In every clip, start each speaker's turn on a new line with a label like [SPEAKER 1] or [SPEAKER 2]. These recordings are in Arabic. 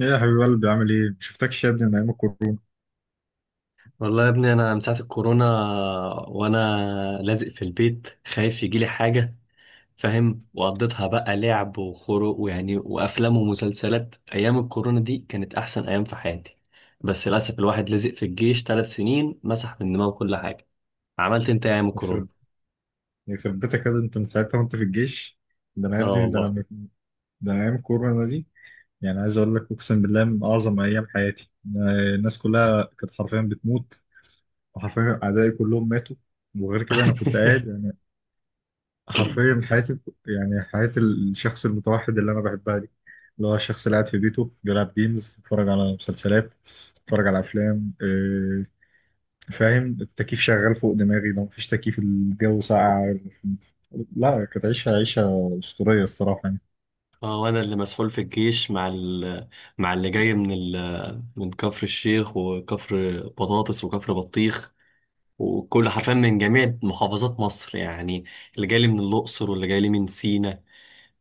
[SPEAKER 1] ايه يا حبيب قلبي عامل ايه؟ مشفتكش يا ابني من ايام الكورونا.
[SPEAKER 2] والله يا ابني، انا من ساعه الكورونا وانا لازق في البيت خايف يجيلي حاجه، فاهم؟ وقضيتها بقى لعب وخروج ويعني وافلام ومسلسلات. ايام الكورونا دي كانت احسن ايام في حياتي، بس للاسف الواحد لزق في الجيش 3 سنين مسح من دماغه كل حاجه. عملت انت إيه ايام الكورونا؟
[SPEAKER 1] يخرب يخرب بيتك يا ابني، انت من ساعتها وانت في الجيش. ده انا يا
[SPEAKER 2] اه
[SPEAKER 1] ابني
[SPEAKER 2] والله.
[SPEAKER 1] ده انا ايام الكورونا دي. يعني عايز اقول لك اقسم بالله من اعظم ايام حياتي الناس كلها كانت حرفيا بتموت. وحرفيا اعدائي كلهم ماتوا. وغير كده انا كنت قاعد يعني حرفيا حياتي. يعني حياة الشخص المتوحد اللي انا بحبها دي، اللي هو الشخص اللي قاعد في بيته بيلعب جيمز، بيتفرج على مسلسلات، بيتفرج على افلام، فاهم. التكييف شغال فوق دماغي، لو مفيش تكييف الجو ساقع. لا، كانت عيشة عيشة أسطورية الصراحة يعني.
[SPEAKER 2] اه، وانا اللي مسحول في الجيش مع اللي جاي من كفر الشيخ وكفر بطاطس وكفر بطيخ، وكل حرفيا من جميع محافظات مصر يعني. اللي جاي لي من الأقصر واللي جاي لي من سينا.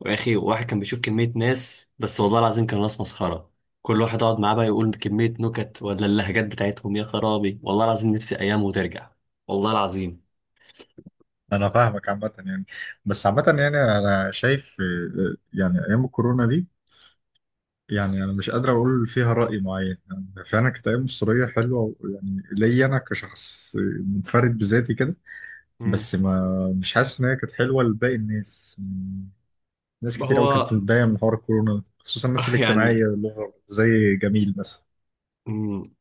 [SPEAKER 2] وأخي، واحد كان بيشوف كمية ناس، بس والله العظيم كانوا ناس مسخرة. كل واحد أقعد معاه بقى يقول كمية نكت، ولا اللهجات بتاعتهم يا خرابي! والله العظيم نفسي أيام وترجع، والله العظيم.
[SPEAKER 1] أنا فاهمك عامة يعني، بس عامة يعني أنا شايف، يعني أيام الكورونا دي، يعني أنا مش قادر أقول فيها رأي معين، يعني فعلا كانت أيام أسطورية حلوة يعني ليا أنا كشخص منفرد بذاتي كده.
[SPEAKER 2] مم.
[SPEAKER 1] بس ما مش حاسس إن هي كانت حلوة لباقي الناس يعني. ناس كتير
[SPEAKER 2] هو.
[SPEAKER 1] أوي كانت بتتضايق من حوار الكورونا، خصوصا الناس الاجتماعية
[SPEAKER 2] يعني.
[SPEAKER 1] اللي هو زي جميل مثلا.
[SPEAKER 2] مم.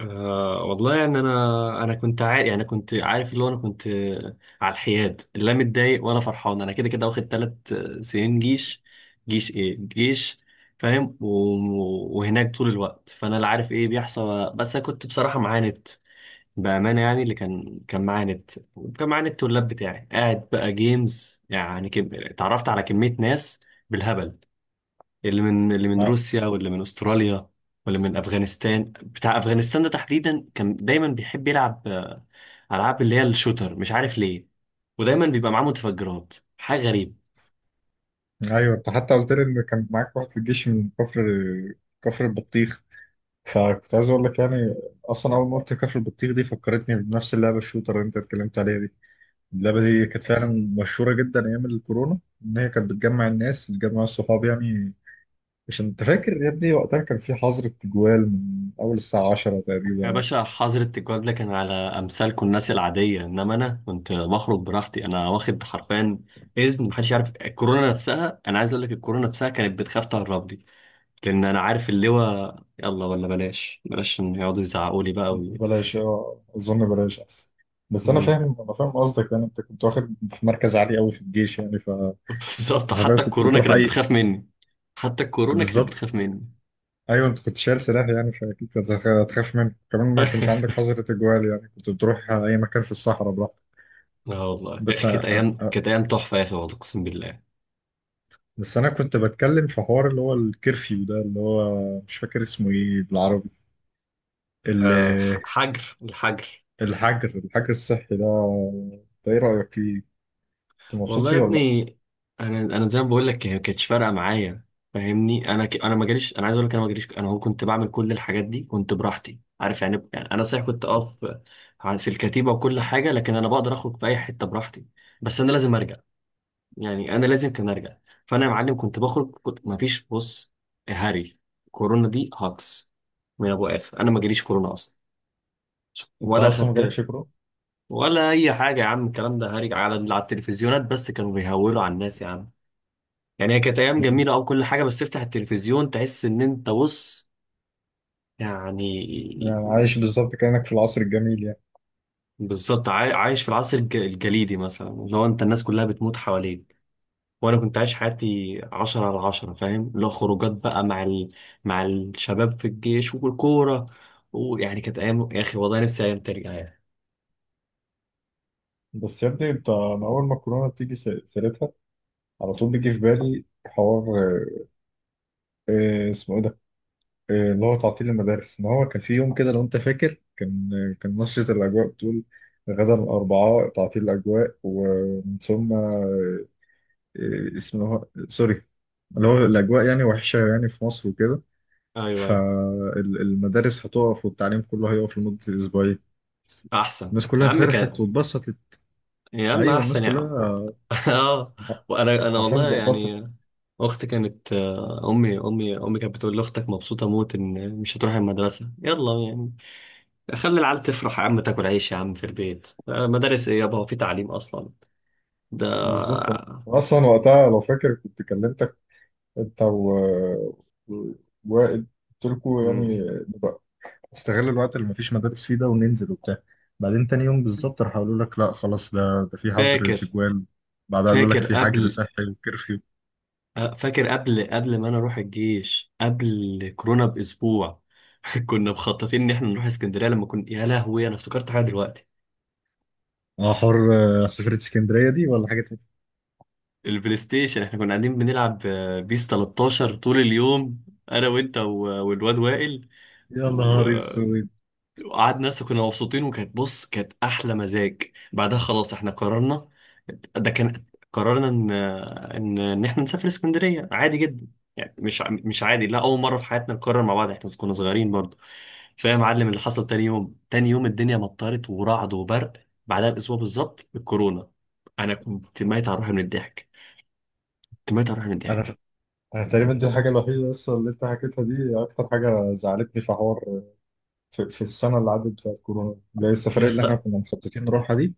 [SPEAKER 2] أه والله يعني، انا كنت عارف، يعني كنت عارف، اللي هو انا كنت على الحياد، لا متضايق ولا فرحان. انا كده كده واخد 3 سنين جيش. جيش ايه جيش؟ فاهم، وهناك طول الوقت، فانا لا عارف ايه بيحصل، بس انا كنت بصراحه معاند، بامانه يعني. اللي كان معاند، وكان معاند، اللاب بتاعي قاعد بقى جيمز، يعني اتعرفت على كميه ناس بالهبل، اللي من
[SPEAKER 1] آه.
[SPEAKER 2] روسيا واللي من استراليا واللي من افغانستان. بتاع افغانستان ده تحديدا كان دايما بيحب يلعب العاب اللي هي الشوتر، مش عارف ليه، ودايما بيبقى معاه متفجرات، حاجه غريبه.
[SPEAKER 1] ايوه، انت حتى قلت لي ان كان معاك واحد في الجيش من كفر البطيخ. فكنت عايز اقول لك يعني، اصلا اول ما قلت كفر البطيخ دي فكرتني بنفس اللعبه الشوتر اللي انت اتكلمت عليها دي. اللعبه دي
[SPEAKER 2] مم.
[SPEAKER 1] كانت فعلا مشهوره جدا ايام الكورونا، ان هي كانت بتجمع الناس، بتجمع الصحاب يعني. عشان انت فاكر يا ابني وقتها كان في حظر التجوال من اول الساعه 10
[SPEAKER 2] يا
[SPEAKER 1] تقريبا.
[SPEAKER 2] باشا، حظر التجوال ده كان على امثالكم الناس العاديه، انما انا كنت بخرج براحتي، انا واخد حرفيا اذن محدش يعرف. الكورونا نفسها، انا عايز اقول لك الكورونا نفسها كانت بتخاف تهرب لي، لان انا عارف اللواء. يلا ولا بلاش، بلاش ان يقعدوا يزعقوا لي بقى.
[SPEAKER 1] بلاش، اظن بلاش احسن. بس انا
[SPEAKER 2] وي...
[SPEAKER 1] فاهم انا فاهم قصدك، يعني انت كنت واخد في مركز عالي قوي في الجيش يعني
[SPEAKER 2] بالظبط.
[SPEAKER 1] حرفيا
[SPEAKER 2] حتى
[SPEAKER 1] كنت
[SPEAKER 2] الكورونا
[SPEAKER 1] بتروح
[SPEAKER 2] كانت
[SPEAKER 1] اي.
[SPEAKER 2] بتخاف مني. حتى الكورونا كانت
[SPEAKER 1] بالظبط.
[SPEAKER 2] بتخاف مني.
[SPEAKER 1] ايوه، انت كنت شايل سلاح يعني فاكيد كنت هتخاف منه كمان، ما كانش عندك حظر تجوال يعني كنت بتروح اي مكان في الصحراء براحتك.
[SPEAKER 2] اه والله،
[SPEAKER 1] بس أ- أ-
[SPEAKER 2] كانت ايام تحفه يا اخي، والله اقسم بالله.
[SPEAKER 1] بس انا كنت بتكلم في حوار اللي هو الكرفيو ده، اللي هو مش فاكر اسمه ايه بالعربي، ال-
[SPEAKER 2] أه. حجر، الحجر.
[SPEAKER 1] الحجر الصحي ده. انت ايه رايك فيه؟ انت مبسوط
[SPEAKER 2] والله يا
[SPEAKER 1] فيه ولا لا؟
[SPEAKER 2] ابني، انا زي ما بقول لك هي ما كانتش فارقه معايا، فاهمني؟ انا ما جاليش، انا عايز اقول لك انا ما جاليش. انا هو كنت بعمل كل الحاجات دي كنت براحتي، عارف؟ يعني انا صحيح كنت اقف في الكتيبه وكل حاجه، لكن انا بقدر اخرج في اي حته براحتي، بس انا لازم ارجع، يعني انا لازم كان ارجع. فانا يا معلم كنت بخرج، كنت ما فيش. بص يا هاري، كورونا دي هاكس من ابو قاف. انا ما جاليش كورونا اصلا
[SPEAKER 1] انت
[SPEAKER 2] ولا
[SPEAKER 1] اصلا مجالك
[SPEAKER 2] خدت
[SPEAKER 1] شكره.
[SPEAKER 2] ولا اي حاجه. يا عم الكلام ده هاري، على التلفزيونات بس كانوا بيهولوا على الناس يا عم. يعني هي كانت ايام جميله او كل حاجه، بس تفتح التلفزيون تحس ان انت بص، يعني.
[SPEAKER 1] يعني عايش بالظبط كأنك في العصر الجميل يعني.
[SPEAKER 2] بالظبط. عايش في العصر الجليدي مثلا، اللي هو انت الناس كلها بتموت حواليك، وانا كنت عايش حياتي 10/10، فاهم؟ اللي هو خروجات بقى مع الشباب في الجيش والكورة، ويعني كانت ايام يا اخي، والله نفسي ايام ترجع يعني.
[SPEAKER 1] بس يا ابني انت، انا اول ما الكورونا بتيجي سيرتها على طول بيجي في بالي حوار، اسمه ايه ده؟ اللي هو تعطيل المدارس. ان هو كان في يوم كده لو انت فاكر كان، كان نشرة الاجواء بتقول: غدا الاربعاء تعطيل الاجواء، ومن ثم اسمه، سوري، اللي هو الاجواء يعني وحشة يعني في مصر وكده.
[SPEAKER 2] ايوه، ايوه.
[SPEAKER 1] فالمدارس هتقف والتعليم كله هيقف لمدة اسبوعين.
[SPEAKER 2] احسن
[SPEAKER 1] الناس
[SPEAKER 2] يا
[SPEAKER 1] كلها
[SPEAKER 2] عم
[SPEAKER 1] فرحت
[SPEAKER 2] كان.
[SPEAKER 1] واتبسطت.
[SPEAKER 2] يا عم
[SPEAKER 1] ايوه، الناس
[SPEAKER 2] احسن يعني.
[SPEAKER 1] كلها
[SPEAKER 2] اه.
[SPEAKER 1] آه،
[SPEAKER 2] وانا
[SPEAKER 1] حرفيا
[SPEAKER 2] والله
[SPEAKER 1] زقططت.
[SPEAKER 2] يعني، اختي كانت، امي امي امي كانت بتقول لي اختك مبسوطه موت ان مش هتروح المدرسه. يلا يعني، خلي العيال تفرح يا عم، تاكل عيش يا عم في البيت. مدارس ايه يابا، هو في تعليم اصلا ده؟
[SPEAKER 1] بالظبط. أنا اصلا وقتها لو فاكر كنت كلمتك انت و- وائل، قلت لكم يعني
[SPEAKER 2] مم.
[SPEAKER 1] نبقى نستغل الوقت اللي مفيش مدارس فيه ده وننزل وبتاع. بعدين تاني يوم بالظبط راح قالوا لك لا خلاص، ده في حظر
[SPEAKER 2] فاكر
[SPEAKER 1] تجوال، بعدها قالوا لك
[SPEAKER 2] فاكر
[SPEAKER 1] في حجر
[SPEAKER 2] قبل،
[SPEAKER 1] صحي وكرفيو.
[SPEAKER 2] فاكر قبل ما انا اروح الجيش قبل كورونا باسبوع. كنا مخططين ان احنا نروح اسكندريه لما كنا، يا لهوي انا افتكرت حاجه دلوقتي.
[SPEAKER 1] اه حر سفرة اسكندرية دي ولا حاجة تانية؟
[SPEAKER 2] البلاي ستيشن، احنا كنا قاعدين بنلعب بيس 13 طول اليوم، انا وانت والواد وائل.
[SPEAKER 1] يا نهار اسود.
[SPEAKER 2] قعدنا لسه كنا مبسوطين، وكانت بص كانت احلى مزاج. بعدها خلاص احنا قررنا، ده كان، قررنا ان احنا نسافر اسكندريه عادي جدا. يعني مش مش عادي، لا، اول مره في حياتنا نقرر مع بعض احنا كنا صغيرين برضه. فيا معلم، اللي حصل تاني يوم، تاني يوم الدنيا مطرت ورعد وبرق، بعدها باسبوع بالظبط الكورونا. انا كنت ميت على روحي من الضحك، كنت ميت على روحي من
[SPEAKER 1] انا
[SPEAKER 2] الضحك.
[SPEAKER 1] ف... انا تقريبا دي الحاجة الوحيدة بس اللي انت حكيتها دي، اكتر حاجة زعلتني في حوار، في السنة اللي عدت بتاعت كورونا، اللي هي
[SPEAKER 2] يا
[SPEAKER 1] السفرية اللي احنا
[SPEAKER 2] اسطى.
[SPEAKER 1] كنا مخططين نروحها دي.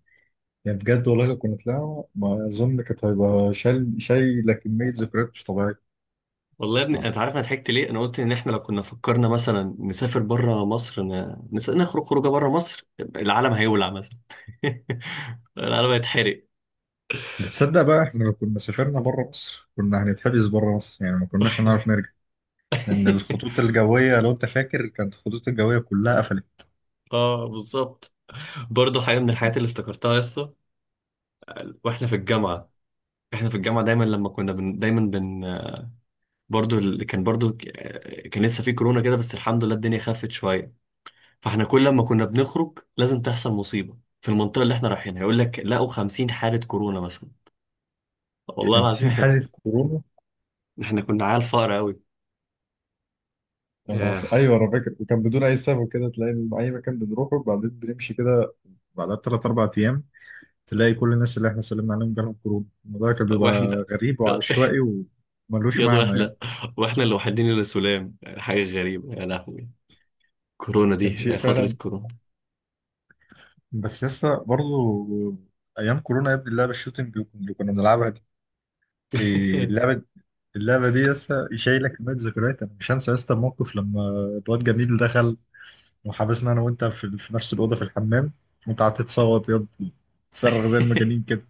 [SPEAKER 1] يعني بجد والله لو كنا طلعنا ما اظن كانت هيبقى شايله كميه ذكريات مش طبيعيه.
[SPEAKER 2] والله يا ابني، انت عارف انا ضحكت ليه؟ انا قلت ان احنا لو كنا فكرنا مثلا نسافر بره مصر، نخرج خروجه بره مصر، العالم هيولع مثلا. العالم هيتحرق.
[SPEAKER 1] بتصدق بقى احنا لو كنا سافرنا بره مصر كنا هنتحبس بره مصر، يعني ما كناش هنعرف نرجع، لان الخطوط الجويه لو انت فاكر كانت الخطوط الجويه كلها قفلت.
[SPEAKER 2] اه بالظبط. برضه حاجه من الحاجات اللي افتكرتها يا اسطى، واحنا في الجامعه. احنا في الجامعه دايما لما كنا بن... دايما بن برضه كان برضه كان لسه في كورونا كده، بس الحمد لله الدنيا خفت شويه. فاحنا كل ما كنا بنخرج لازم تحصل مصيبه في المنطقه اللي احنا رايحينها، يقول لك لقوا 50 حاله كورونا مثلا، والله
[SPEAKER 1] كان
[SPEAKER 2] العظيم.
[SPEAKER 1] في
[SPEAKER 2] احنا كنا
[SPEAKER 1] حادث كورونا.
[SPEAKER 2] احنا كنا عيال فقر قوي، آه،
[SPEAKER 1] ايوه انا فاكر، وكان بدون اي سبب كده تلاقي إن اي مكان بنروحه وبعدين بنمشي كده، بعدها بثلاث اربع ايام تلاقي كل الناس اللي احنا سلمنا عليهم جالهم كورونا، الموضوع كان بيبقى
[SPEAKER 2] واحنا،
[SPEAKER 1] غريب وعشوائي وملوش
[SPEAKER 2] يا دو
[SPEAKER 1] معنى يعني.
[SPEAKER 2] احنا، واحنا الوحيدين اللي سلام. حاجة غريبة يا لهوي، كورونا
[SPEAKER 1] كان
[SPEAKER 2] دي
[SPEAKER 1] شيء
[SPEAKER 2] فترة
[SPEAKER 1] فعلا،
[SPEAKER 2] كورونا.
[SPEAKER 1] بس لسه برضو ايام كورونا يا ابني اللعبه الشوتنج اللي كنا بنلعبها دي، إيه اللعبه. اللعبه دي لسه شايله كميه ذكريات، انا مش هنسى لسه الموقف لما الواد جميل دخل وحبسنا انا وانت في نفس الاوضه في الحمام. وانت قعدت تصوت يا ابني، تصرخ زي المجانين كده،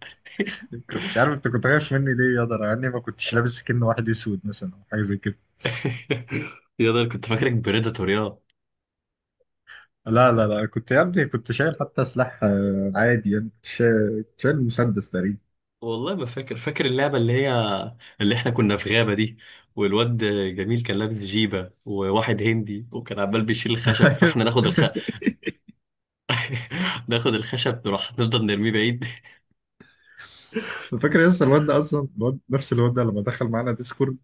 [SPEAKER 1] كنت مش عارف انت كنت خايف مني ليه يا ده، انا يعني ما كنتش لابس كأن واحد اسود مثلا او حاجه زي كده.
[SPEAKER 2] يا ده كنت فاكرك بريداتور، يا.
[SPEAKER 1] لا لا لا، كنت يا ابني كنت شايل حتى سلاح، عادي يعني، كنت شايل مسدس تقريبا.
[SPEAKER 2] والله ما فاكر، فاكر اللعبة اللي هي، اللي احنا كنا في غابة دي، والواد جميل كان لابس جيبة وواحد هندي وكان عمال بيشيل الخشب، فاحنا ناخد ناخد الخشب نروح نفضل نرميه بعيد.
[SPEAKER 1] فاكر لسه الواد ده، اصلا الواد نفس الواد ده لما دخل معانا ديسكورد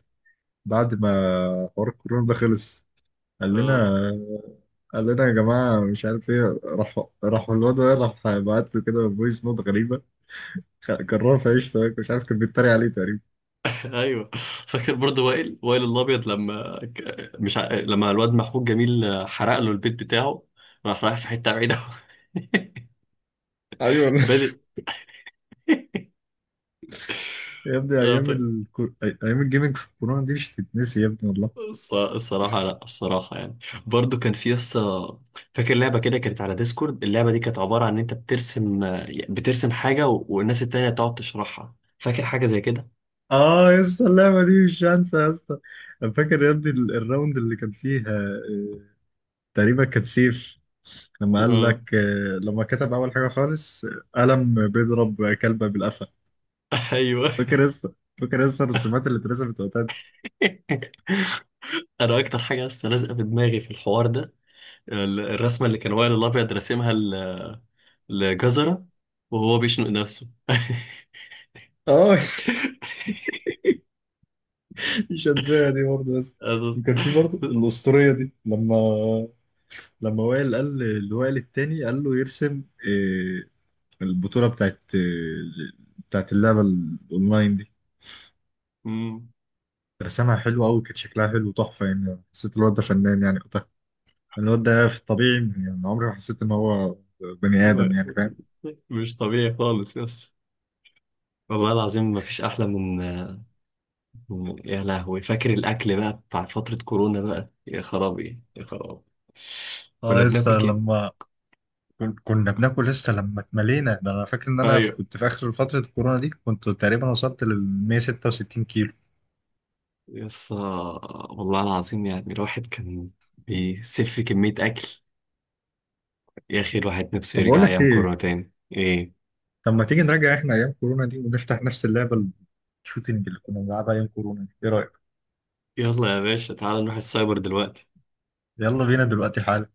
[SPEAKER 1] بعد ما حوار الكورونا ده خلص، قال لنا قال لنا يا جماعه مش عارف ايه، راح الواد ده راح بعت له كده فويس نوت غريبه، كرهه في عيشته مش عارف، كان بيتريق عليه تقريبا.
[SPEAKER 2] ايوه. فاكر برضو وائل، وائل الابيض، لما ك- مش ع... لما الواد محمود جميل حرق له البيت بتاعه، راح رايح في حته بعيده.
[SPEAKER 1] ايوه.
[SPEAKER 2] بادئ.
[SPEAKER 1] يا ابني
[SPEAKER 2] آه، ط-
[SPEAKER 1] ايام الجيمنج في الكورونا دي مش هتتنسي يا ابني والله.
[SPEAKER 2] الصراحه لا، الصراحه يعني برضو كان في قصه. فاكر لعبه كده كانت على ديسكورد؟ اللعبه دي كانت عباره عن ان انت بترسم، بترسم حاجه والناس التانيه تقعد تشرحها، فاكر حاجه زي كده؟
[SPEAKER 1] اه يا اسطى، اللعبه دي مش هنسى يا اسطى. أنا فاكر يا ابني الراوند اللي كان فيها، تقريبا كانت سيف، لما قال
[SPEAKER 2] اه
[SPEAKER 1] لك، لما كتب اول حاجه خالص، قلم بيضرب كلبه بالقفا.
[SPEAKER 2] ايوه.
[SPEAKER 1] فاكر لسه فاكر لسه الرسومات اللي اترسمت وقتها دي؟
[SPEAKER 2] انا اكتر حاجه لسه لازقه في دماغي في الحوار ده، الرسمه اللي كان وائل الابيض راسمها لجزرة وهو بيشنق نفسه.
[SPEAKER 1] اه. مش هنساها دي برضه بس. وكان في برضه الأسطورية دي، لما وائل قال اللي وائل التاني قال له يرسم، البطوله بتاعت اللعبه الاونلاين دي.
[SPEAKER 2] أمم.
[SPEAKER 1] رسمها حلو قوي، كانت شكلها حلو تحفه يعني، حسيت الواد ده فنان يعني وقتها، الواد ده في الطبيعي يعني عمري ما حسيت ان هو بني ادم يعني، فاهم.
[SPEAKER 2] مش طبيعي خالص يا اسطى، والله العظيم ما فيش أحلى من، يا لهوي، فاكر الأكل بقى بتاع فترة كورونا بقى؟ يا خرابي، يا خرابي! كنا
[SPEAKER 1] اه لسه
[SPEAKER 2] بناكل كده.
[SPEAKER 1] لما كنا بناكل، لسه لما اتملينا ده، انا فاكر ان انا
[SPEAKER 2] أيوه
[SPEAKER 1] كنت في اخر فترة الكورونا دي كنت تقريبا وصلت لل 166 كيلو.
[SPEAKER 2] يا اسطى، والله العظيم يعني الواحد كان بيسف كمية أكل. يا أخي الواحد نفسه
[SPEAKER 1] طب بقول
[SPEAKER 2] يرجع
[SPEAKER 1] لك
[SPEAKER 2] أيام كورونا
[SPEAKER 1] ايه،
[SPEAKER 2] تاني، إيه؟
[SPEAKER 1] طب ما تيجي نراجع احنا ايام كورونا دي ونفتح نفس اللعبة الشوتينج اللي كنا بنلعبها ايام كورونا دي، ايه رأيك؟
[SPEAKER 2] يلا يا باشا، تعال نروح السايبر دلوقتي.
[SPEAKER 1] يلا بينا دلوقتي حالا.